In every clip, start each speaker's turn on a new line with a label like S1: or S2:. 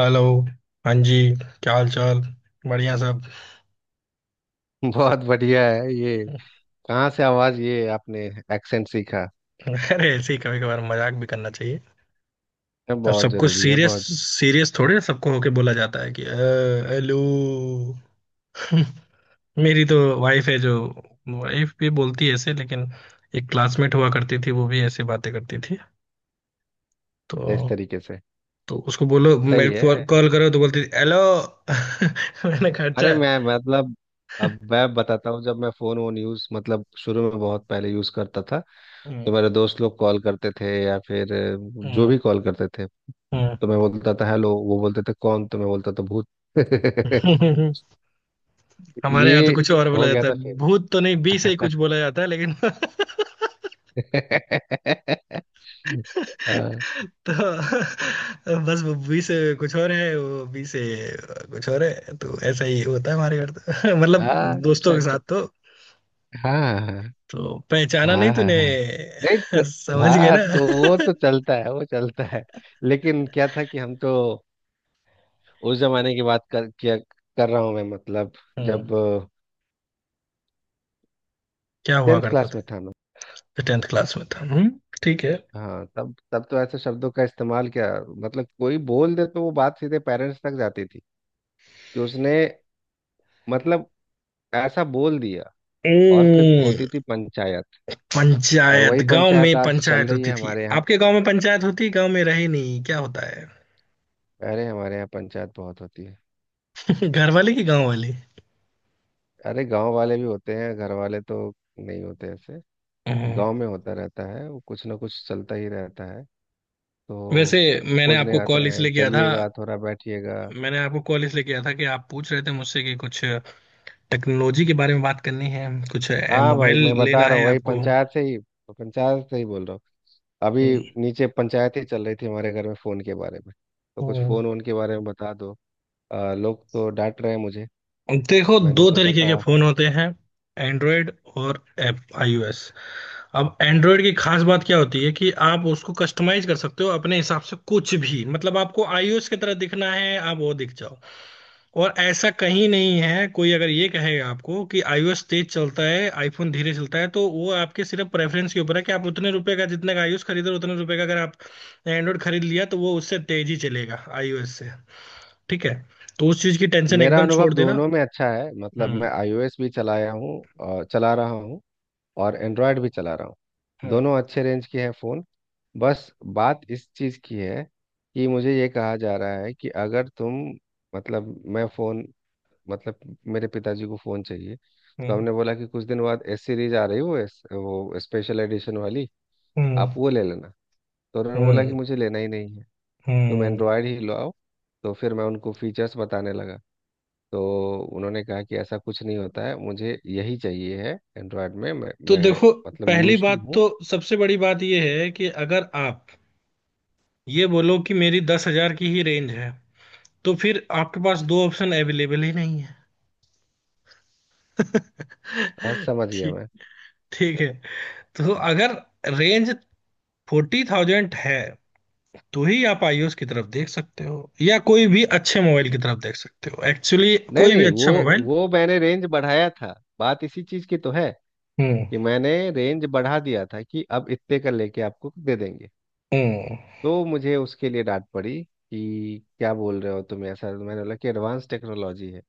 S1: Hello. हाँ जी। क्या हाल चाल। बढ़िया सब।
S2: बहुत बढ़िया है ये। कहाँ से आवाज ये आपने एक्सेंट सीखा।
S1: अरे ऐसे ही कभी कभार मजाक भी करना चाहिए।
S2: ये
S1: अब
S2: बहुत
S1: सब कुछ
S2: जरूरी है
S1: सीरियस
S2: बहुत।
S1: सीरियस थोड़े सबको होके बोला जाता है कि हेलो"। मेरी तो वाइफ है जो वाइफ भी बोलती है ऐसे लेकिन। एक क्लासमेट हुआ करती थी वो भी ऐसे बातें करती थी।
S2: इस
S1: तो
S2: तरीके से।
S1: उसको बोलो
S2: सही
S1: मैं
S2: है।
S1: कॉल करो तो बोलती थी हेलो। मैंने कहा
S2: अरे
S1: अच्छा।
S2: मैं मतलब। अब मैं बताता हूँ जब मैं फोन वोन यूज मतलब शुरू में बहुत पहले यूज करता था।
S1: हम्म।
S2: तो मेरे दोस्त लोग कॉल करते थे या फिर जो
S1: हम्म।
S2: भी कॉल करते थे। तो मैं बोलता था हेलो, वो बोलते थे कौन, तो मैं बोलता था भूत।
S1: हम्म। हमारे यहाँ तो
S2: ये
S1: कुछ और बोला
S2: हो गया
S1: जाता है।
S2: था फिर।
S1: भूत तो नहीं, बी से ही कुछ बोला जाता है लेकिन
S2: हाँ।
S1: तो बस वो बी से कुछ और है। वो बी से कुछ और है। तो ऐसा ही होता है हमारे घर तो मतलब
S2: हाँ,
S1: दोस्तों
S2: अच्छा
S1: के साथ
S2: अच्छा।
S1: तो।
S2: हाँ हाँ हाँ।
S1: तो पहचाना नहीं
S2: हाँ हाँ
S1: तूने।
S2: हाँ। नहीं तो।
S1: समझ गए
S2: हाँ तो वो
S1: ना
S2: तो चलता है वो चलता है, लेकिन क्या था कि हम तो उस जमाने की बात कर रहा हूँ मैं, मतलब
S1: हम्म,
S2: जब
S1: क्या हुआ
S2: 10th
S1: करता
S2: क्लास
S1: था।
S2: में था मैं।
S1: टेंथ क्लास में था, हम्म। ठीक है।
S2: हाँ तब तब तो ऐसे शब्दों का इस्तेमाल क्या। मतलब कोई बोल दे तो वो बात सीधे पेरेंट्स तक जाती थी कि उसने मतलब ऐसा बोल दिया। और फिर होती
S1: हम्म,
S2: थी पंचायत। और
S1: पंचायत
S2: वही
S1: गांव में,
S2: पंचायत आज चल
S1: पंचायत
S2: रही
S1: होती
S2: है
S1: थी
S2: हमारे यहाँ।
S1: आपके गांव में, पंचायत होती गांव में, रहे नहीं क्या होता है।
S2: अरे हमारे यहाँ पंचायत बहुत होती है।
S1: घर वाले की, गांव वाली।
S2: अरे गांव वाले भी होते हैं, घर वाले तो नहीं होते ऐसे।
S1: हाँ,
S2: गांव में होता रहता है, वो कुछ ना कुछ चलता ही रहता है तो।
S1: वैसे मैंने
S2: खोजने
S1: आपको
S2: आते
S1: कॉल
S2: हैं,
S1: इसलिए किया था।
S2: चलिएगा थोड़ा बैठिएगा।
S1: मैंने आपको कॉल इसलिए किया था कि आप पूछ रहे थे मुझसे कि कुछ टेक्नोलॉजी के बारे में बात करनी है, कुछ
S2: हाँ भाई,
S1: मोबाइल
S2: मैं बता
S1: लेना
S2: रहा हूँ
S1: है
S2: वही
S1: आपको।
S2: पंचायत से ही, पंचायत से ही बोल रहा हूँ। अभी
S1: हम्म,
S2: नीचे पंचायत ही चल रही थी हमारे घर में फ़ोन के बारे में। तो कुछ
S1: हम्म।
S2: फ़ोन वोन के बारे में बता दो। लोग तो डांट रहे हैं मुझे।
S1: देखो,
S2: मैंने
S1: दो
S2: सोचा
S1: तरीके के
S2: था।
S1: फोन होते हैं, एंड्रॉयड और एप आईओएस। अब एंड्रॉयड की खास बात क्या होती है कि आप उसको कस्टमाइज कर सकते हो अपने हिसाब से कुछ भी, मतलब आपको आईओएस की तरह दिखना है आप वो दिख जाओ। और ऐसा कहीं नहीं है, कोई अगर ये कहेगा आपको कि आईओएस तेज चलता है आईफोन धीरे चलता है तो वो आपके सिर्फ प्रेफरेंस के ऊपर है कि आप उतने रुपए का जितने का आईओएस खरीदो, उतने रुपए का अगर आप एंड्रॉयड खरीद लिया तो वो उससे तेज ही चलेगा आईओएस से। ठीक है। तो उस चीज की टेंशन
S2: मेरा
S1: एकदम
S2: अनुभव
S1: छोड़ देना।
S2: दोनों में अच्छा है, मतलब मैं
S1: हम्म।
S2: iOS भी चलाया हूँ और चला रहा हूँ। और एंड्रॉयड भी चला रहा हूँ।
S1: हम्म।
S2: दोनों अच्छे रेंज के हैं फ़ोन। बस बात इस चीज़ की है कि मुझे ये कहा जा रहा है कि अगर तुम, मतलब मैं फ़ोन, मतलब मेरे पिताजी को फ़ोन चाहिए। तो
S1: हम्म।
S2: हमने बोला कि कुछ दिन बाद एस सीरीज आ रही है, वो एस, वो स्पेशल एडिशन वाली। आप
S1: हम्म।
S2: वो ले लेना। तो उन्होंने बोला कि
S1: हम्म।
S2: मुझे लेना ही नहीं है। तुम
S1: हम्म।
S2: एंड्रॉयड ही लो आओ। तो फिर मैं उनको फीचर्स बताने लगा। तो उन्होंने कहा कि ऐसा कुछ नहीं होता है, मुझे यही चाहिए है एंड्रॉयड में, मैं,
S1: तो
S2: मैं
S1: देखो,
S2: मतलब
S1: पहली
S2: यूज्ड
S1: बात
S2: हूँ।
S1: तो सबसे बड़ी बात यह है कि अगर आप ये बोलो कि मेरी 10,000 की ही रेंज है तो फिर आपके पास दो ऑप्शन अवेलेबल ही नहीं है।
S2: हाँ समझ गया
S1: ठीक
S2: मैं।
S1: ठीक है। तो अगर रेंज 40,000 है तो ही आप आईओएस की तरफ देख सकते हो या कोई भी अच्छे मोबाइल की तरफ देख सकते हो एक्चुअली,
S2: नहीं
S1: कोई भी
S2: नहीं,
S1: अच्छा
S2: वो
S1: मोबाइल।
S2: वो मैंने रेंज बढ़ाया था। बात इसी चीज की तो है
S1: हम्म।
S2: कि मैंने रेंज बढ़ा दिया था कि अब इतने का लेके आपको दे देंगे।
S1: हम्म।
S2: तो मुझे उसके लिए डांट पड़ी कि क्या बोल रहे हो तुम ऐसा, तो मैंने बोला कि एडवांस टेक्नोलॉजी है।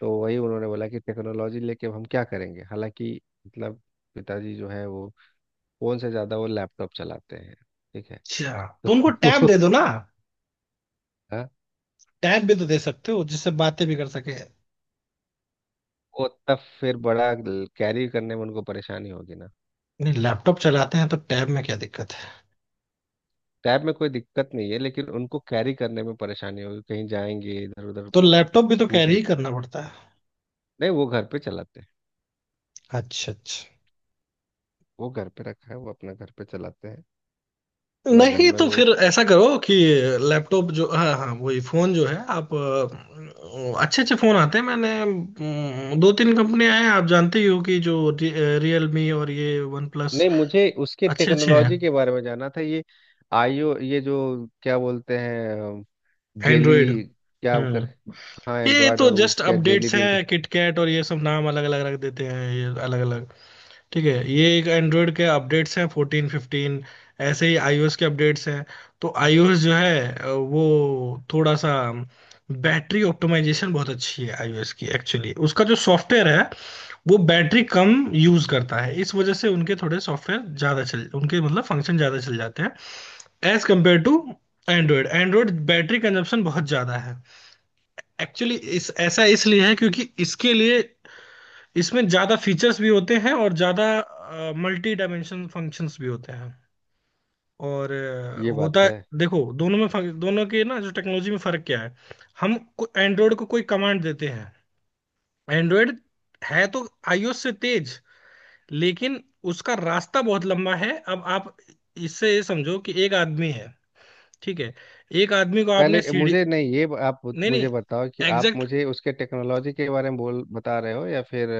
S2: तो वही उन्होंने बोला कि टेक्नोलॉजी लेके अब हम क्या करेंगे, हालांकि मतलब पिताजी जो है वो फोन से ज्यादा वो लैपटॉप चलाते हैं। ठीक है।
S1: अच्छा। तो उनको टैब दे दो ना।
S2: हाँ।
S1: टैब भी तो दे सकते हो जिससे बातें भी कर सके, नहीं।
S2: वो तब फिर बड़ा कैरी करने में उनको परेशानी होगी ना।
S1: लैपटॉप चलाते हैं तो टैब में क्या दिक्कत।
S2: टैब में कोई दिक्कत नहीं है, लेकिन उनको कैरी करने में परेशानी होगी, कहीं जाएंगे इधर उधर
S1: तो लैपटॉप भी तो
S2: टूट
S1: कैरी
S2: गए।
S1: ही करना पड़ता है।
S2: नहीं, वो घर पे चलाते हैं।
S1: अच्छा अच्छा।
S2: वो घर पे रखा है, वो अपना घर पे चलाते हैं, अपना घर
S1: नहीं
S2: में
S1: तो
S2: वो।
S1: फिर ऐसा करो कि लैपटॉप जो, हाँ हाँ, वही फोन जो है आप। अच्छे अच्छे फोन आते हैं। मैंने दो तीन कंपनियां हैं, आप जानते ही हो कि जो रियलमी और ये वन प्लस
S2: नहीं, मुझे उसके
S1: अच्छे अच्छे हैं।
S2: टेक्नोलॉजी के बारे में जानना था ये। आईओ, ये जो क्या बोलते हैं जेली
S1: एंड्रॉयड।
S2: क्या
S1: हम्म।
S2: कर। हाँ
S1: ये
S2: एंड्रॉयड,
S1: तो
S2: और वो
S1: जस्ट
S2: क्या जेली
S1: अपडेट्स
S2: बीन का।
S1: हैं, किटकैट और ये सब नाम अलग अलग रख देते हैं, ये अलग अलग। ठीक है। ये एक एंड्रॉयड के अपडेट्स हैं 14 15। ऐसे ही आईओएस के अपडेट्स हैं। तो आईओएस जो है वो थोड़ा सा, बैटरी ऑप्टिमाइजेशन बहुत अच्छी है आईओएस की एक्चुअली। उसका जो सॉफ्टवेयर है वो बैटरी कम यूज करता है, इस वजह से उनके थोड़े सॉफ्टवेयर ज्यादा चल, उनके मतलब फंक्शन ज्यादा चल जाते हैं as compare to Android. Android battery consumption बहुत ज्यादा है एक्चुअली। इस ऐसा इसलिए है क्योंकि इसके लिए इसमें ज्यादा फीचर्स भी होते हैं और ज्यादा मल्टी डायमेंशन फंक्शंस भी होते हैं और
S2: ये बात
S1: होता है।
S2: है।
S1: देखो दोनों में दोनों के ना, जो टेक्नोलॉजी में फर्क क्या है। हम एंड्रॉयड को कोई कमांड देते हैं। एंड्रॉयड है तो आईओएस से तेज, लेकिन उसका रास्ता बहुत लंबा है। अब आप इससे ये समझो कि एक आदमी है, ठीक है, एक आदमी को
S2: पहले
S1: आपने सीढ़ी।
S2: मुझे नहीं, ये आप
S1: नहीं
S2: मुझे
S1: नहीं,
S2: बताओ कि आप
S1: एग्जैक्ट,
S2: मुझे उसके टेक्नोलॉजी के बारे में बोल बता रहे हो या फिर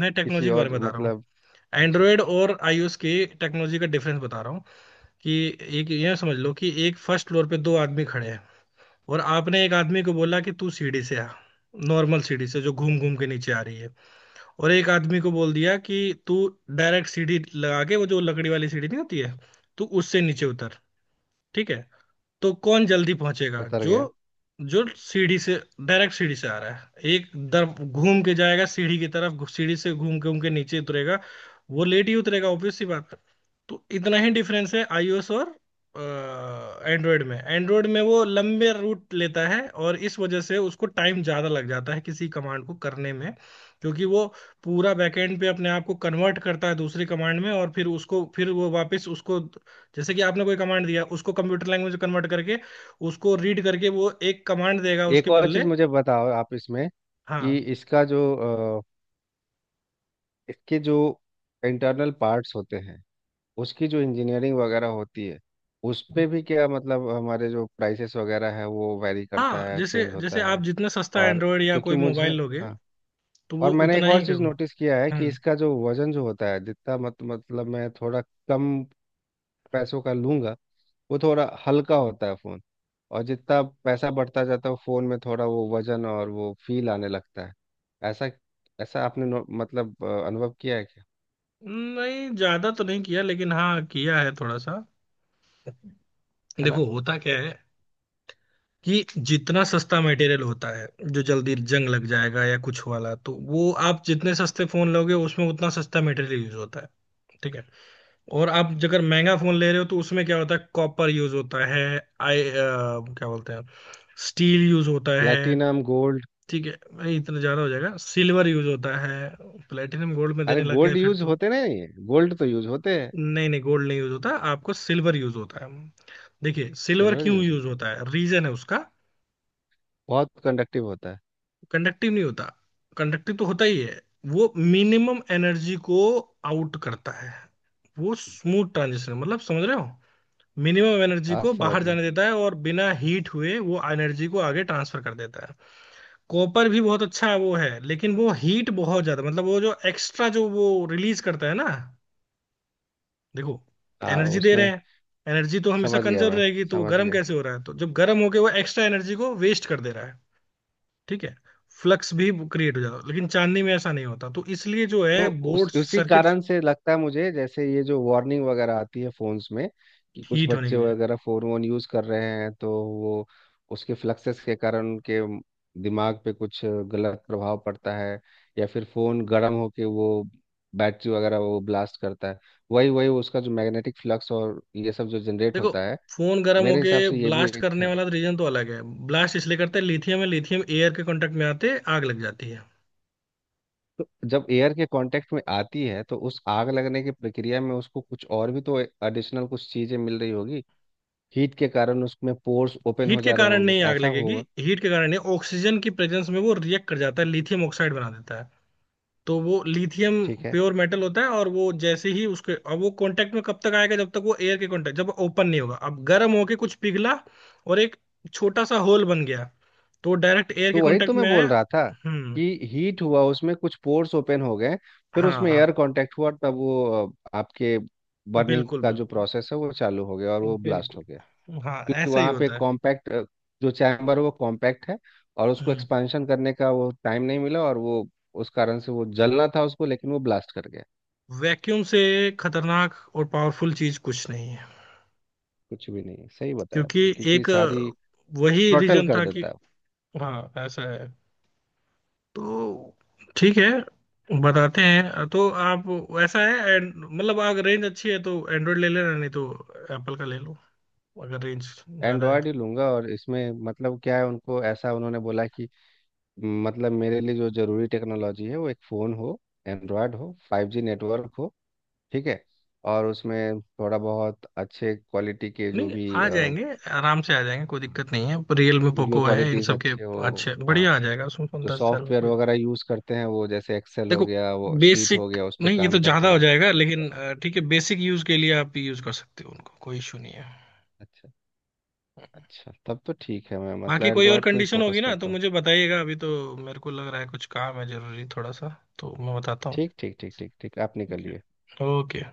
S1: मैं
S2: किसी
S1: टेक्नोलॉजी के बारे
S2: और,
S1: में बता रहा हूँ,
S2: मतलब। अच्छा।
S1: एंड्रॉयड और आईओएस की टेक्नोलॉजी का डिफरेंस बता रहा हूँ कि एक यह समझ लो कि एक फर्स्ट फ्लोर पे दो आदमी खड़े हैं और आपने एक आदमी को बोला कि तू सीढ़ी से आ, नॉर्मल सीढ़ी से जो घूम घूम के नीचे आ रही है, और एक आदमी को बोल दिया कि तू डायरेक्ट सीढ़ी लगा के, वो जो लकड़ी वाली सीढ़ी नहीं होती है, तू उससे नीचे उतर। ठीक है। तो कौन जल्दी पहुंचेगा,
S2: उतर
S1: जो
S2: गया।
S1: जो सीढ़ी से डायरेक्ट सीढ़ी से आ रहा है। एक दर घूम के जाएगा सीढ़ी की तरफ, सीढ़ी से घूम के नीचे उतरेगा, वो लेट ही उतरेगा, ऑब्वियस सी बात है। तो इतना ही डिफरेंस है आईओएस और एंड्रॉयड में। एंड्रॉयड में वो लंबे रूट लेता है और इस वजह से उसको टाइम ज्यादा लग जाता है किसी कमांड को करने में, क्योंकि वो पूरा बैकएंड पे अपने आप को कन्वर्ट करता है दूसरी कमांड में और फिर उसको, फिर वो वापस उसको, जैसे कि आपने कोई कमांड दिया उसको कंप्यूटर लैंग्वेज में कन्वर्ट करके उसको रीड करके वो एक कमांड देगा
S2: एक
S1: उसके
S2: और
S1: बदले।
S2: चीज़ मुझे बताओ आप इसमें कि
S1: हाँ।
S2: इसका जो अ, इसके जो इंटरनल पार्ट्स होते हैं, उसकी जो इंजीनियरिंग वगैरह होती है, उस पे भी क्या, मतलब हमारे जो प्राइसेस वगैरह है वो वैरी करता
S1: हाँ,
S2: है,
S1: जैसे
S2: चेंज
S1: जैसे
S2: होता है।
S1: आप जितना सस्ता
S2: और
S1: एंड्रॉयड या
S2: क्योंकि
S1: कोई
S2: मुझे।
S1: मोबाइल लोगे
S2: हाँ।
S1: तो
S2: और
S1: वो
S2: मैंने
S1: उतना
S2: एक और
S1: ही
S2: चीज़
S1: कम।
S2: नोटिस किया है कि
S1: हम्म।
S2: इसका जो वज़न जो होता है, जितना मत मतलब मैं थोड़ा कम पैसों का लूंगा, वो थोड़ा हल्का होता है फ़ोन। और जितना पैसा बढ़ता जाता है फ़ोन में, थोड़ा वो वजन और वो फील आने लगता है। ऐसा ऐसा आपने अनुभव किया है क्या।
S1: नहीं, ज्यादा तो नहीं किया लेकिन हाँ किया है थोड़ा सा।
S2: है ना।
S1: देखो होता क्या है, कि जितना सस्ता मटेरियल होता है जो जल्दी जंग लग जाएगा या कुछ वाला, तो वो आप जितने सस्ते फोन लोगे उसमें उतना सस्ता मटेरियल यूज होता है। ठीक है। और आप अगर महंगा फोन ले रहे हो तो उसमें क्या होता है, कॉपर यूज होता है। क्या बोलते हैं, स्टील यूज होता है।
S2: Platinum gold.
S1: ठीक है, नहीं, इतना ज्यादा हो जाएगा, सिल्वर यूज होता है। प्लेटिनम गोल्ड में
S2: अरे
S1: देने लग गए
S2: गोल्ड
S1: फिर
S2: यूज
S1: तो।
S2: होते नहीं, गोल्ड तो यूज होते हैं।
S1: नहीं नहीं, गोल्ड नहीं यूज होता आपको, सिल्वर यूज होता है। देखिए सिल्वर
S2: सिल्वर
S1: क्यों
S2: यूज
S1: यूज
S2: होते हैं।
S1: होता है, रीजन है उसका।
S2: बहुत कंडक्टिव होता है।
S1: कंडक्टिव नहीं होता, कंडक्टिव तो होता ही है। वो मिनिमम एनर्जी को आउट करता है। वो स्मूथ ट्रांजिशन, मतलब समझ रहे हो, मिनिमम एनर्जी को
S2: आज समझ
S1: बाहर
S2: गया।
S1: जाने देता है और बिना हीट हुए वो एनर्जी को आगे ट्रांसफर कर देता है। कॉपर भी बहुत अच्छा वो है, लेकिन वो हीट बहुत ज्यादा, मतलब वो जो एक्स्ट्रा जो वो रिलीज करता है ना। देखो,
S2: हाँ
S1: एनर्जी दे रहे
S2: उसमें।
S1: हैं, एनर्जी तो हमेशा
S2: समझ गया
S1: कंजर्व
S2: मैं।
S1: रहेगी, तो वो
S2: समझ
S1: गर्म
S2: गया।
S1: कैसे हो रहा है, तो जब गर्म होके वो एक्स्ट्रा एनर्जी को वेस्ट कर दे रहा है। ठीक है। फ्लक्स भी क्रिएट हो जाता है, लेकिन चांदनी में ऐसा नहीं होता, तो इसलिए जो
S2: तो
S1: है
S2: उस
S1: बोर्ड
S2: उसी
S1: सर्किट
S2: कारण से लगता है मुझे, जैसे ये जो वार्निंग वगैरह आती है फोन्स में कि कुछ
S1: हीट होने
S2: बच्चे
S1: की वजह।
S2: वगैरह फोन वोन यूज कर रहे हैं तो वो उसके फ्लक्सेस के कारण उनके दिमाग पे कुछ गलत प्रभाव पड़ता है, या फिर फोन गर्म होके वो बैटरी वगैरह वो ब्लास्ट करता है। वही वही उसका जो मैग्नेटिक फ्लक्स और ये सब जो जनरेट
S1: देखो,
S2: होता है।
S1: फोन गर्म
S2: मेरे
S1: होके
S2: हिसाब से ये भी
S1: ब्लास्ट करने
S2: एक।
S1: वाला रीजन तो अलग है। ब्लास्ट इसलिए करते हैं, लिथियम है, लिथियम एयर के कांटेक्ट में आते आग लग जाती है।
S2: तो जब एयर के कांटेक्ट में आती है तो उस आग लगने की प्रक्रिया में उसको कुछ और भी तो एडिशनल कुछ चीजें मिल रही होगी। हीट के कारण उसमें पोर्स ओपन
S1: हीट
S2: हो
S1: के
S2: जा रहे
S1: कारण
S2: होंगे,
S1: नहीं आग
S2: ऐसा
S1: लगेगी,
S2: होगा।
S1: हीट के कारण नहीं, ऑक्सीजन की प्रेजेंस में वो रिएक्ट कर जाता है, लिथियम ऑक्साइड बना देता है। तो वो लिथियम
S2: ठीक है।
S1: प्योर मेटल होता है और वो जैसे ही उसके, अब वो कांटेक्ट में कब तक आएगा, जब तक वो एयर के कांटेक्ट जब ओपन नहीं होगा, अब गर्म होके कुछ पिघला और एक छोटा सा होल बन गया, तो डायरेक्ट एयर
S2: तो
S1: के
S2: वही तो
S1: कांटेक्ट
S2: मैं
S1: में
S2: बोल
S1: आया।
S2: रहा था
S1: हम्म।
S2: कि हीट हुआ, उसमें कुछ पोर्स ओपन हो गए। फिर
S1: हाँ
S2: उसमें
S1: हाँ।
S2: एयर कांटेक्ट हुआ, तब वो आपके बर्निंग
S1: बिल्कुल
S2: का
S1: बिल्कुल।
S2: जो प्रोसेस है वो चालू हो गया और वो ब्लास्ट हो गया।
S1: बिल्कुल हाँ,
S2: क्योंकि
S1: ऐसा ही
S2: वहाँ पे
S1: होता है।
S2: कॉम्पैक्ट जो चैम्बर है वो कॉम्पैक्ट है, और उसको
S1: हम्म,
S2: एक्सपेंशन करने का वो टाइम नहीं मिला, और वो उस कारण से वो जलना था उसको, लेकिन वो ब्लास्ट कर गया।
S1: वैक्यूम से खतरनाक और पावरफुल चीज कुछ नहीं है,
S2: कुछ भी नहीं, सही बताया
S1: क्योंकि
S2: आपने, क्योंकि
S1: एक
S2: सारी
S1: वही
S2: थ्रॉटल
S1: रीजन
S2: कर
S1: था कि।
S2: देता है।
S1: हाँ ऐसा है। तो ठीक है, बताते हैं। तो आप, ऐसा है मतलब अगर रेंज अच्छी है तो एंड्रॉइड ले लेना, नहीं तो एप्पल का ले लो अगर रेंज ज्यादा है
S2: एंड्रॉयड
S1: तो।
S2: ही लूंगा, और इसमें मतलब क्या है, उनको ऐसा उन्होंने बोला कि, "मतलब मेरे लिए जो ज़रूरी टेक्नोलॉजी है वो एक फ़ोन हो, एंड्रॉयड हो, 5G नेटवर्क हो, ठीक है, और उसमें थोड़ा बहुत अच्छे क्वालिटी के जो
S1: नहीं,
S2: भी
S1: आ जाएंगे, आराम से आ जाएंगे, कोई दिक्कत नहीं है, रियल में
S2: वीडियो
S1: पोको है इन
S2: क्वालिटीज़
S1: सब के
S2: अच्छे हो।"
S1: अच्छे
S2: हाँ
S1: बढ़िया आ जाएगा उसमें,
S2: जो
S1: 10,000 में
S2: सॉफ्टवेयर
S1: कोई।
S2: वगैरह यूज़ करते हैं वो जैसे एक्सेल हो
S1: देखो
S2: गया, वो शीट हो
S1: बेसिक,
S2: गया, उस पर
S1: नहीं ये
S2: काम
S1: तो
S2: कर
S1: ज्यादा
S2: पाए।
S1: हो जाएगा, लेकिन
S2: बस।
S1: ठीक है, बेसिक यूज के लिए आप यूज कर सकते हो, उनको कोई इशू नहीं है।
S2: अच्छा। अच्छा तब तो ठीक है, मैं मतलब
S1: बाकी कोई और
S2: एंड्रॉयड को ही
S1: कंडीशन
S2: फोकस
S1: होगी ना तो
S2: करता हूँ।
S1: मुझे बताइएगा। अभी तो मेरे को लग रहा है कुछ काम है जरूरी थोड़ा सा, तो मैं बताता हूँ।
S2: ठीक ठीक ठीक ठीक ठीक, आप
S1: ठीक है।
S2: निकलिए।
S1: ओके।